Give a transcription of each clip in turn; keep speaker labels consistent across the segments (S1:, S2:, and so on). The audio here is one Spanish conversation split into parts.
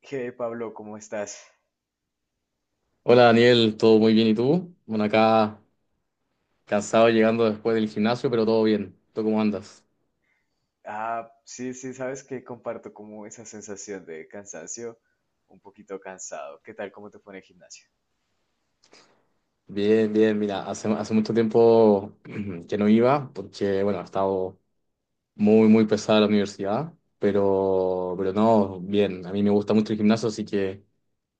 S1: Hey Pablo, ¿cómo estás?
S2: Hola Daniel, todo muy bien, ¿y tú? Bueno, acá cansado llegando después del gimnasio, pero todo bien. ¿Tú cómo andas?
S1: Ah, sí, sí, sabes que comparto como esa sensación de cansancio, un poquito cansado. ¿Qué tal? ¿Cómo te fue en el gimnasio?
S2: Bien, bien, mira, hace mucho tiempo que no iba porque, bueno, ha estado muy, muy pesada la universidad, pero no, bien, a mí me gusta mucho el gimnasio, así que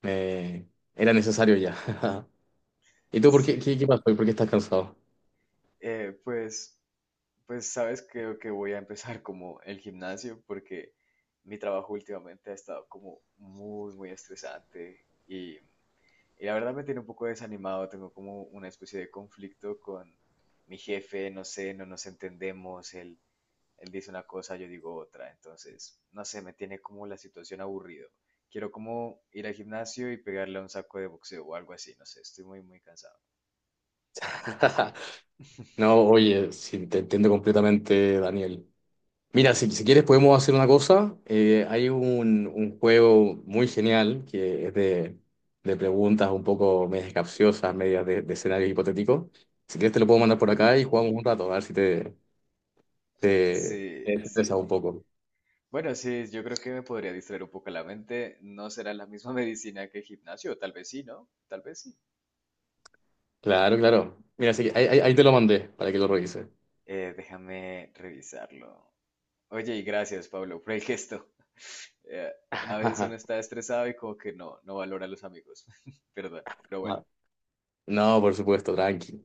S2: eh, era necesario ya. ¿Y tú por
S1: Sí,
S2: qué, qué, qué pasó? ¿Por qué estás cansado?
S1: eh, pues, pues sabes, creo que voy a empezar como el gimnasio porque mi trabajo últimamente ha estado como muy, muy estresante y, y la verdad me tiene un poco desanimado. Tengo como una especie de conflicto con mi jefe, no sé, no nos entendemos, él dice una cosa, yo digo otra. Entonces, no sé, me tiene como la situación aburrido. Quiero como ir al gimnasio y pegarle a un saco de boxeo o algo así. No sé, estoy muy, muy cansado.
S2: No, oye, sí, te entiendo completamente, Daniel. Mira, si quieres podemos hacer una cosa. Hay un juego muy genial que es de preguntas un poco medias capciosas, medias de escenarios hipotéticos. Si quieres te lo puedo mandar por acá y jugamos
S1: Mm,
S2: un rato, a ver si te, te
S1: sí,
S2: estresas
S1: sí.
S2: un poco.
S1: Bueno, sí, yo creo que me podría distraer un poco la mente. No será la misma medicina que el gimnasio, tal vez sí, ¿no? Tal vez sí.
S2: Claro, claro. Mira, así que ahí, ahí te lo mandé para que lo revises.
S1: Déjame revisarlo. Oye, y gracias, Pablo, por el gesto. Eh, a veces uno está estresado y como que no, no valora a los amigos. Perdón, pero bueno.
S2: No, por supuesto, tranqui.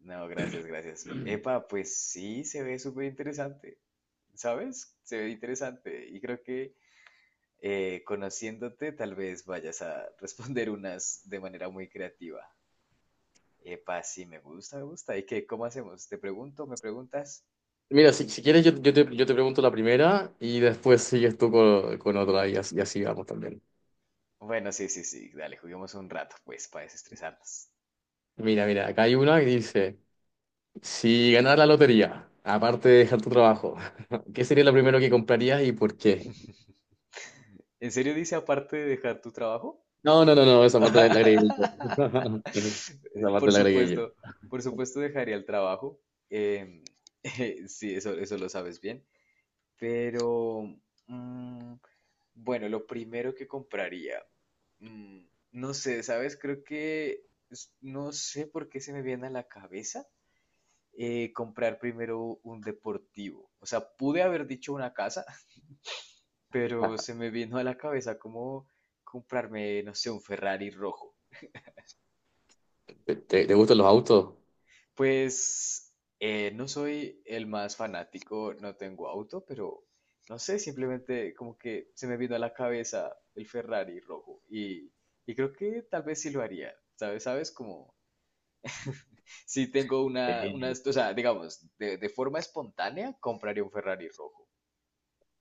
S1: No, gracias, gracias. Epa, pues sí, se ve súper interesante, ¿sabes? Se ve interesante y creo que conociéndote tal vez vayas a responder unas de manera muy creativa. Epa, sí, me gusta, me gusta. ¿Y qué? ¿Cómo hacemos? ¿Te pregunto? ¿Me preguntas?
S2: Mira, si quieres yo, yo te pregunto la primera y después sigues tú con otra y así vamos también.
S1: Bueno, sí, sí, sí, dale, juguemos un rato, pues, para desestresarnos.
S2: Mira, mira, acá hay una que dice... Si ganaras la lotería, aparte de dejar tu trabajo, ¿qué sería lo primero que comprarías y por qué?
S1: ¿En serio dice aparte de dejar tu trabajo?
S2: No, no, no, no, esa parte la agregué yo. Esa parte
S1: Por
S2: la agregué
S1: supuesto,
S2: yo.
S1: por supuesto dejaría el trabajo. em, sí, eso lo sabes bien. Pero, mm, bueno, lo primero que compraría, mm, no sé, ¿sabes? Creo que, no sé por qué se me viene a la cabeza comprar primero un deportivo. O sea, pude haber dicho una casa, pero se me vino a la cabeza como comprarme, no sé, un Ferrari rojo.
S2: ¿Te, te gustan los autos?
S1: Pues no soy el más fanático, no tengo auto, pero no sé, simplemente como que se me vino a la cabeza el Ferrari rojo y creo que tal vez sí lo haría, ¿sabes? ¿Sabes? Como si tengo una,
S2: Sí.
S1: o sea, digamos, de forma espontánea compraría un Ferrari rojo.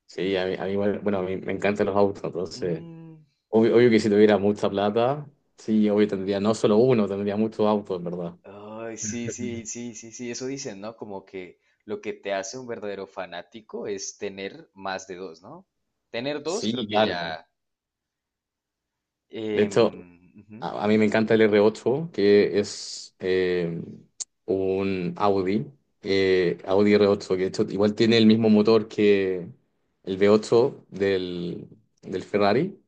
S2: Sí, a mí igual, bueno, a mí me encantan los autos, entonces,
S1: Mm,
S2: obvio, obvio que si tuviera mucha plata, sí, obvio tendría no solo uno, tendría muchos autos, en verdad.
S1: ay, sí, sí, sí, sí, sí, eso dicen, ¿no? Como que lo que te hace un verdadero fanático es tener más de dos, ¿no? Tener dos,
S2: Sí,
S1: creo que
S2: claro.
S1: ya.
S2: De hecho,
S1: Ujú,
S2: A mí me encanta el R8, que es un Audi, Audi R8, que de hecho igual tiene el mismo motor que el V8 del, del Ferrari,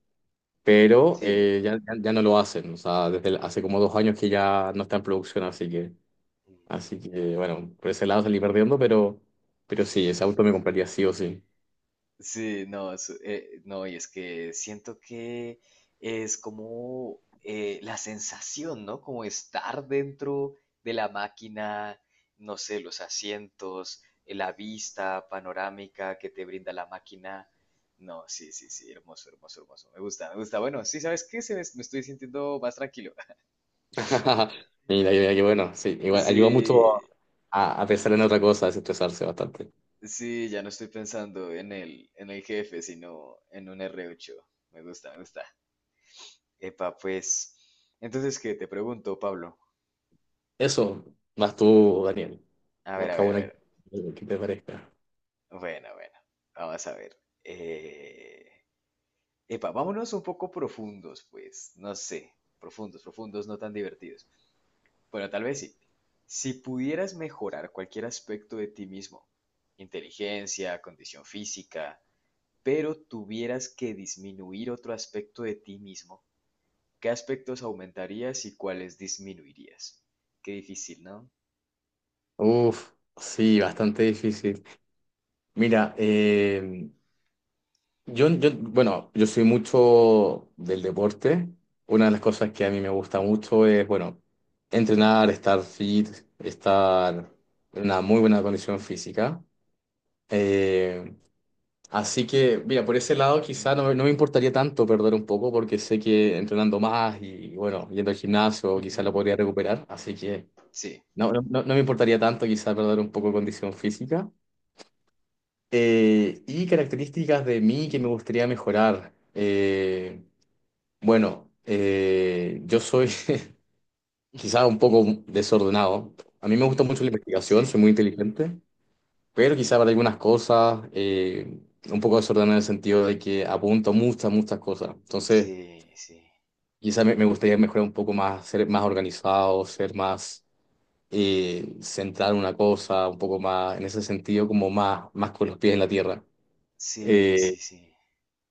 S2: pero
S1: sí.
S2: ya, ya no lo hacen. O sea, hace como 2 años que ya no está en producción, así que bueno, por ese lado salí perdiendo, pero sí, ese auto me compraría sí o sí.
S1: Sí, no, no, y es que siento que es como la sensación, ¿no? Como estar dentro de la máquina, no sé, los asientos, la vista panorámica que te brinda la máquina. No, sí, sí, sí, hermoso, hermoso, hermoso. Me gusta, me gusta. Bueno, sí, ¿sabes qué? Me estoy sintiendo más tranquilo.
S2: Mira, mira, que bueno, sí, igual ayuda mucho
S1: Sí,
S2: a pensar en otra cosa, a desestresarse bastante.
S1: sí, ya no estoy pensando en el jefe, sino en un R8. Me gusta, me gusta. Epa, pues. Entonces, ¿qué te pregunto, Pablo?
S2: Eso, más tú, Daniel.
S1: A ver, a
S2: Busca
S1: ver, a
S2: una
S1: ver.
S2: que te parezca.
S1: Bueno, bueno. Vamos a ver. Eh, Epa, vámonos un poco profundos, pues. No sé. Profundos, profundos, no tan divertidos. Bueno, tal vez sí. Si pudieras mejorar cualquier aspecto de ti mismo, inteligencia, condición física, pero tuvieras que disminuir otro aspecto de ti mismo, ¿qué aspectos aumentarías y cuáles disminuirías? Qué difícil, ¿no?
S2: Uf, sí, bastante difícil. Mira, yo, yo, bueno, yo soy mucho del deporte. Una de las cosas que a mí me gusta mucho es, bueno, entrenar, estar fit, estar en una muy buena condición física. Eh, Así que, mira, por ese lado quizá no, me
S1: Ujú,
S2: no me importaría tanto perder un poco porque sé que entrenando más y, bueno, yendo al gimnasio quizá
S1: ujú,
S2: lo podría recuperar. Así que
S1: sí,
S2: no, no, no me importaría tanto quizá perder un poco de condición física. Y características de mí que me gustaría mejorar. Bueno, yo soy quizá un poco desordenado. A mí me gusta
S1: ujú.
S2: mucho la investigación, soy
S1: Sí,
S2: muy inteligente. Pero quizá para algunas cosas, un poco desordenado en el sentido de que apunto muchas, muchas cosas. Entonces,
S1: sí, sí,
S2: quizá me, me gustaría mejorar un poco más, ser más organizado, ser más centrado en una cosa, un poco más, en ese sentido, como más, más con los pies en la tierra.
S1: sí,
S2: Eh,
S1: sí, sí.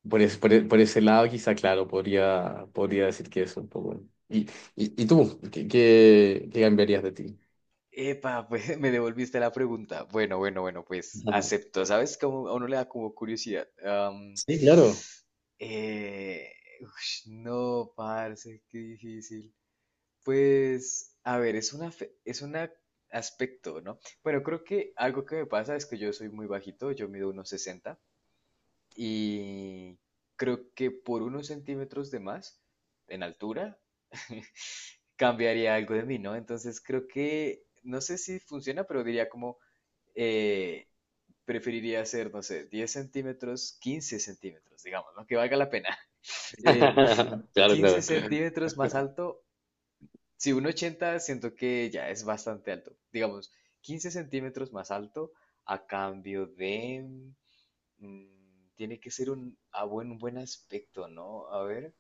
S2: por, es- por, e- por ese lado, quizá, claro, podría, podría decir que eso un poco. ¿Y, y tú? ¿Qué, qué, qué cambiarías de ti?
S1: Epa, pues me devolviste la pregunta. Bueno, bueno, bueno, pues
S2: Ajá.
S1: acepto. ¿Sabes? Como a uno le da como curiosidad.
S2: Sí, claro.
S1: Eh, ush, no, parce, qué difícil. Pues, a ver, es un aspecto, ¿no? Bueno, creo que algo que me pasa es que yo soy muy bajito, yo mido unos 60 y creo que por unos centímetros de más en altura cambiaría algo de mí, ¿no? Entonces creo que, no sé si funciona, pero diría como, eh, preferiría hacer, no sé, 10 centímetros, 15 centímetros, digamos, ¿no? Que valga la pena. Eh,
S2: Claro,
S1: 15
S2: claro.
S1: centímetros más alto. Si 1,80 siento que ya es bastante alto. Digamos, 15 centímetros más alto a cambio de. Tiene que ser un buen aspecto, ¿no? A ver.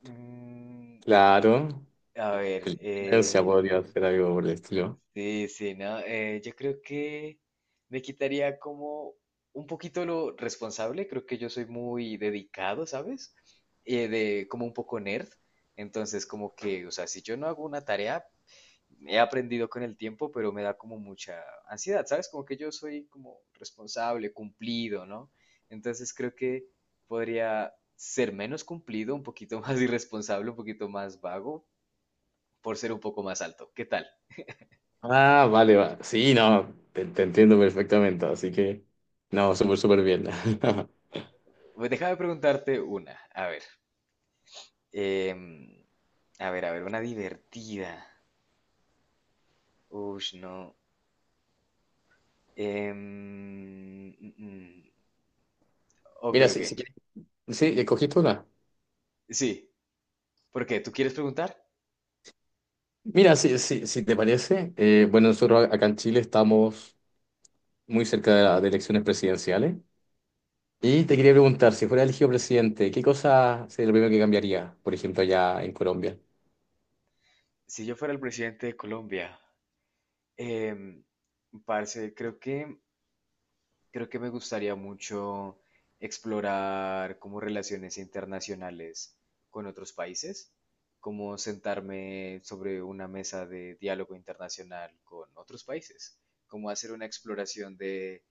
S1: mm,
S2: Claro.
S1: a ver.
S2: Inteligencia podría
S1: eh,
S2: ser algo por el estilo.
S1: sí, sí, ¿no? Yo creo que me quitaría como un poquito lo responsable. Creo que yo soy muy dedicado, ¿sabes? De, como un poco nerd. Entonces, como que, o sea, si yo no hago una tarea, he aprendido con el tiempo, pero me da como mucha ansiedad, ¿sabes? Como que yo soy como responsable, cumplido, ¿no? Entonces creo que podría ser menos cumplido, un poquito más irresponsable, un poquito más vago, por ser un poco más alto. ¿Qué tal?
S2: Ah, vale, va. Sí, no, te entiendo perfectamente, así que no, súper, súper bien.
S1: Pues, déjame preguntarte una. A ver. em, a ver, a ver, una divertida. Uy, no. Mm, mm. Ok,
S2: Mira, sí,
S1: ok.
S2: si quieres, sí, escogiste una.
S1: Sí. ¿Por qué? ¿Tú quieres preguntar?
S2: Mira, si te parece, bueno, nosotros acá en Chile estamos muy cerca de, de elecciones presidenciales y te quería preguntar, si fuera elegido presidente, ¿qué cosa sería lo primero que cambiaría, por ejemplo, allá en Colombia?
S1: Si yo fuera el presidente de Colombia, Em, parce, creo que me gustaría mucho explorar como relaciones internacionales con otros países, como sentarme sobre una mesa de diálogo internacional con otros países, como hacer una exploración de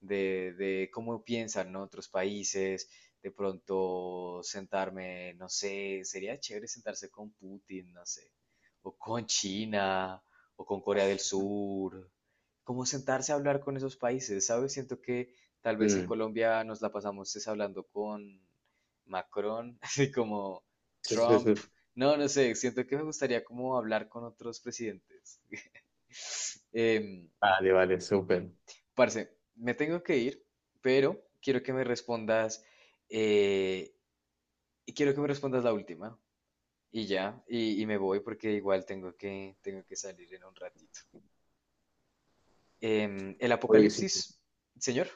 S1: de, de cómo piensan, ¿no?, otros países, de pronto sentarme, no sé, sería chévere sentarse con Putin, no sé, o con China, o con Corea del Sur, como sentarse a hablar con esos países, ¿sabes? Siento que tal vez en
S2: Mm,
S1: Colombia nos la pasamos es hablando con Macron, así como
S2: sí, sí,
S1: Trump,
S2: sí.
S1: no, no sé, siento que me gustaría como hablar con otros presidentes. Em,
S2: Vale, vale, súper.
S1: Parce, me tengo que ir, pero quiero que me respondas, eh, y quiero que me respondas la última, y ya, y me voy porque igual tengo que salir en un ratito. El
S2: Obvio que sí.
S1: apocalipsis, señor,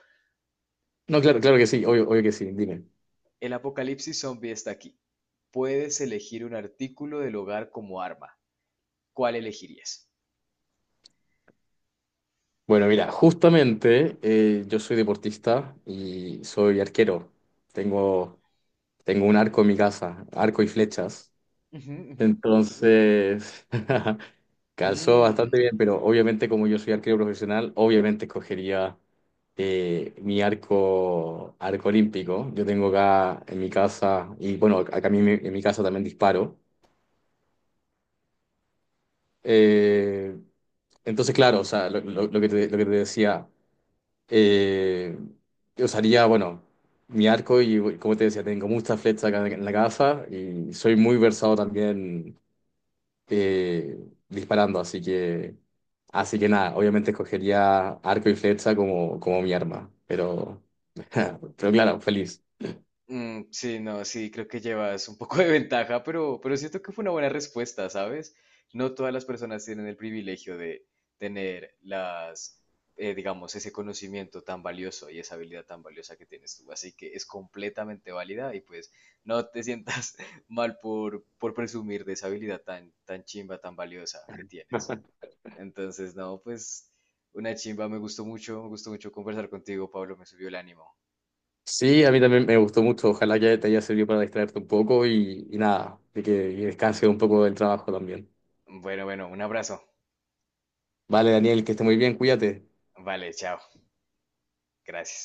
S2: No, claro, claro que sí, obvio, obvio que sí, dime.
S1: el apocalipsis zombie está aquí. Puedes elegir un artículo del hogar como arma. ¿Cuál elegirías?
S2: Bueno, mira, justamente yo soy deportista y soy arquero. Tengo, tengo un arco en mi casa, arco y flechas.
S1: Ujú, ujú.
S2: Entonces, calzó bastante
S1: Mm,
S2: bien, pero obviamente como yo soy arquero profesional, obviamente escogería mi arco, arco olímpico. Yo tengo acá en mi casa, y bueno, acá en mi casa también disparo. Eh, entonces, claro, o sea, lo, lo que te decía. Eh, Usaría, bueno, mi arco y, como te decía, tengo muchas flechas acá en la gafa y soy muy versado también eh, disparando, así que nada, obviamente escogería arco y flecha como, como mi arma, pero, pero claro, feliz.
S1: mm, sí, no, sí, creo que llevas un poco de ventaja, pero, siento que fue una buena respuesta, ¿sabes? No todas las personas tienen el privilegio de tener las, digamos, ese conocimiento tan valioso y esa habilidad tan valiosa que tienes tú, así que es completamente válida y pues no te sientas mal por, presumir de esa habilidad tan, tan chimba, tan valiosa que tienes. Entonces, no, pues una chimba, me gustó mucho conversar contigo, Pablo, me subió el ánimo.
S2: Sí, a mí también me gustó mucho, ojalá que te haya servido para distraerte un poco y nada, de que descanses un poco del trabajo también.
S1: Bueno, bueno, un abrazo.
S2: Vale, Daniel, que esté muy bien, cuídate.
S1: Vale, chao. Gracias.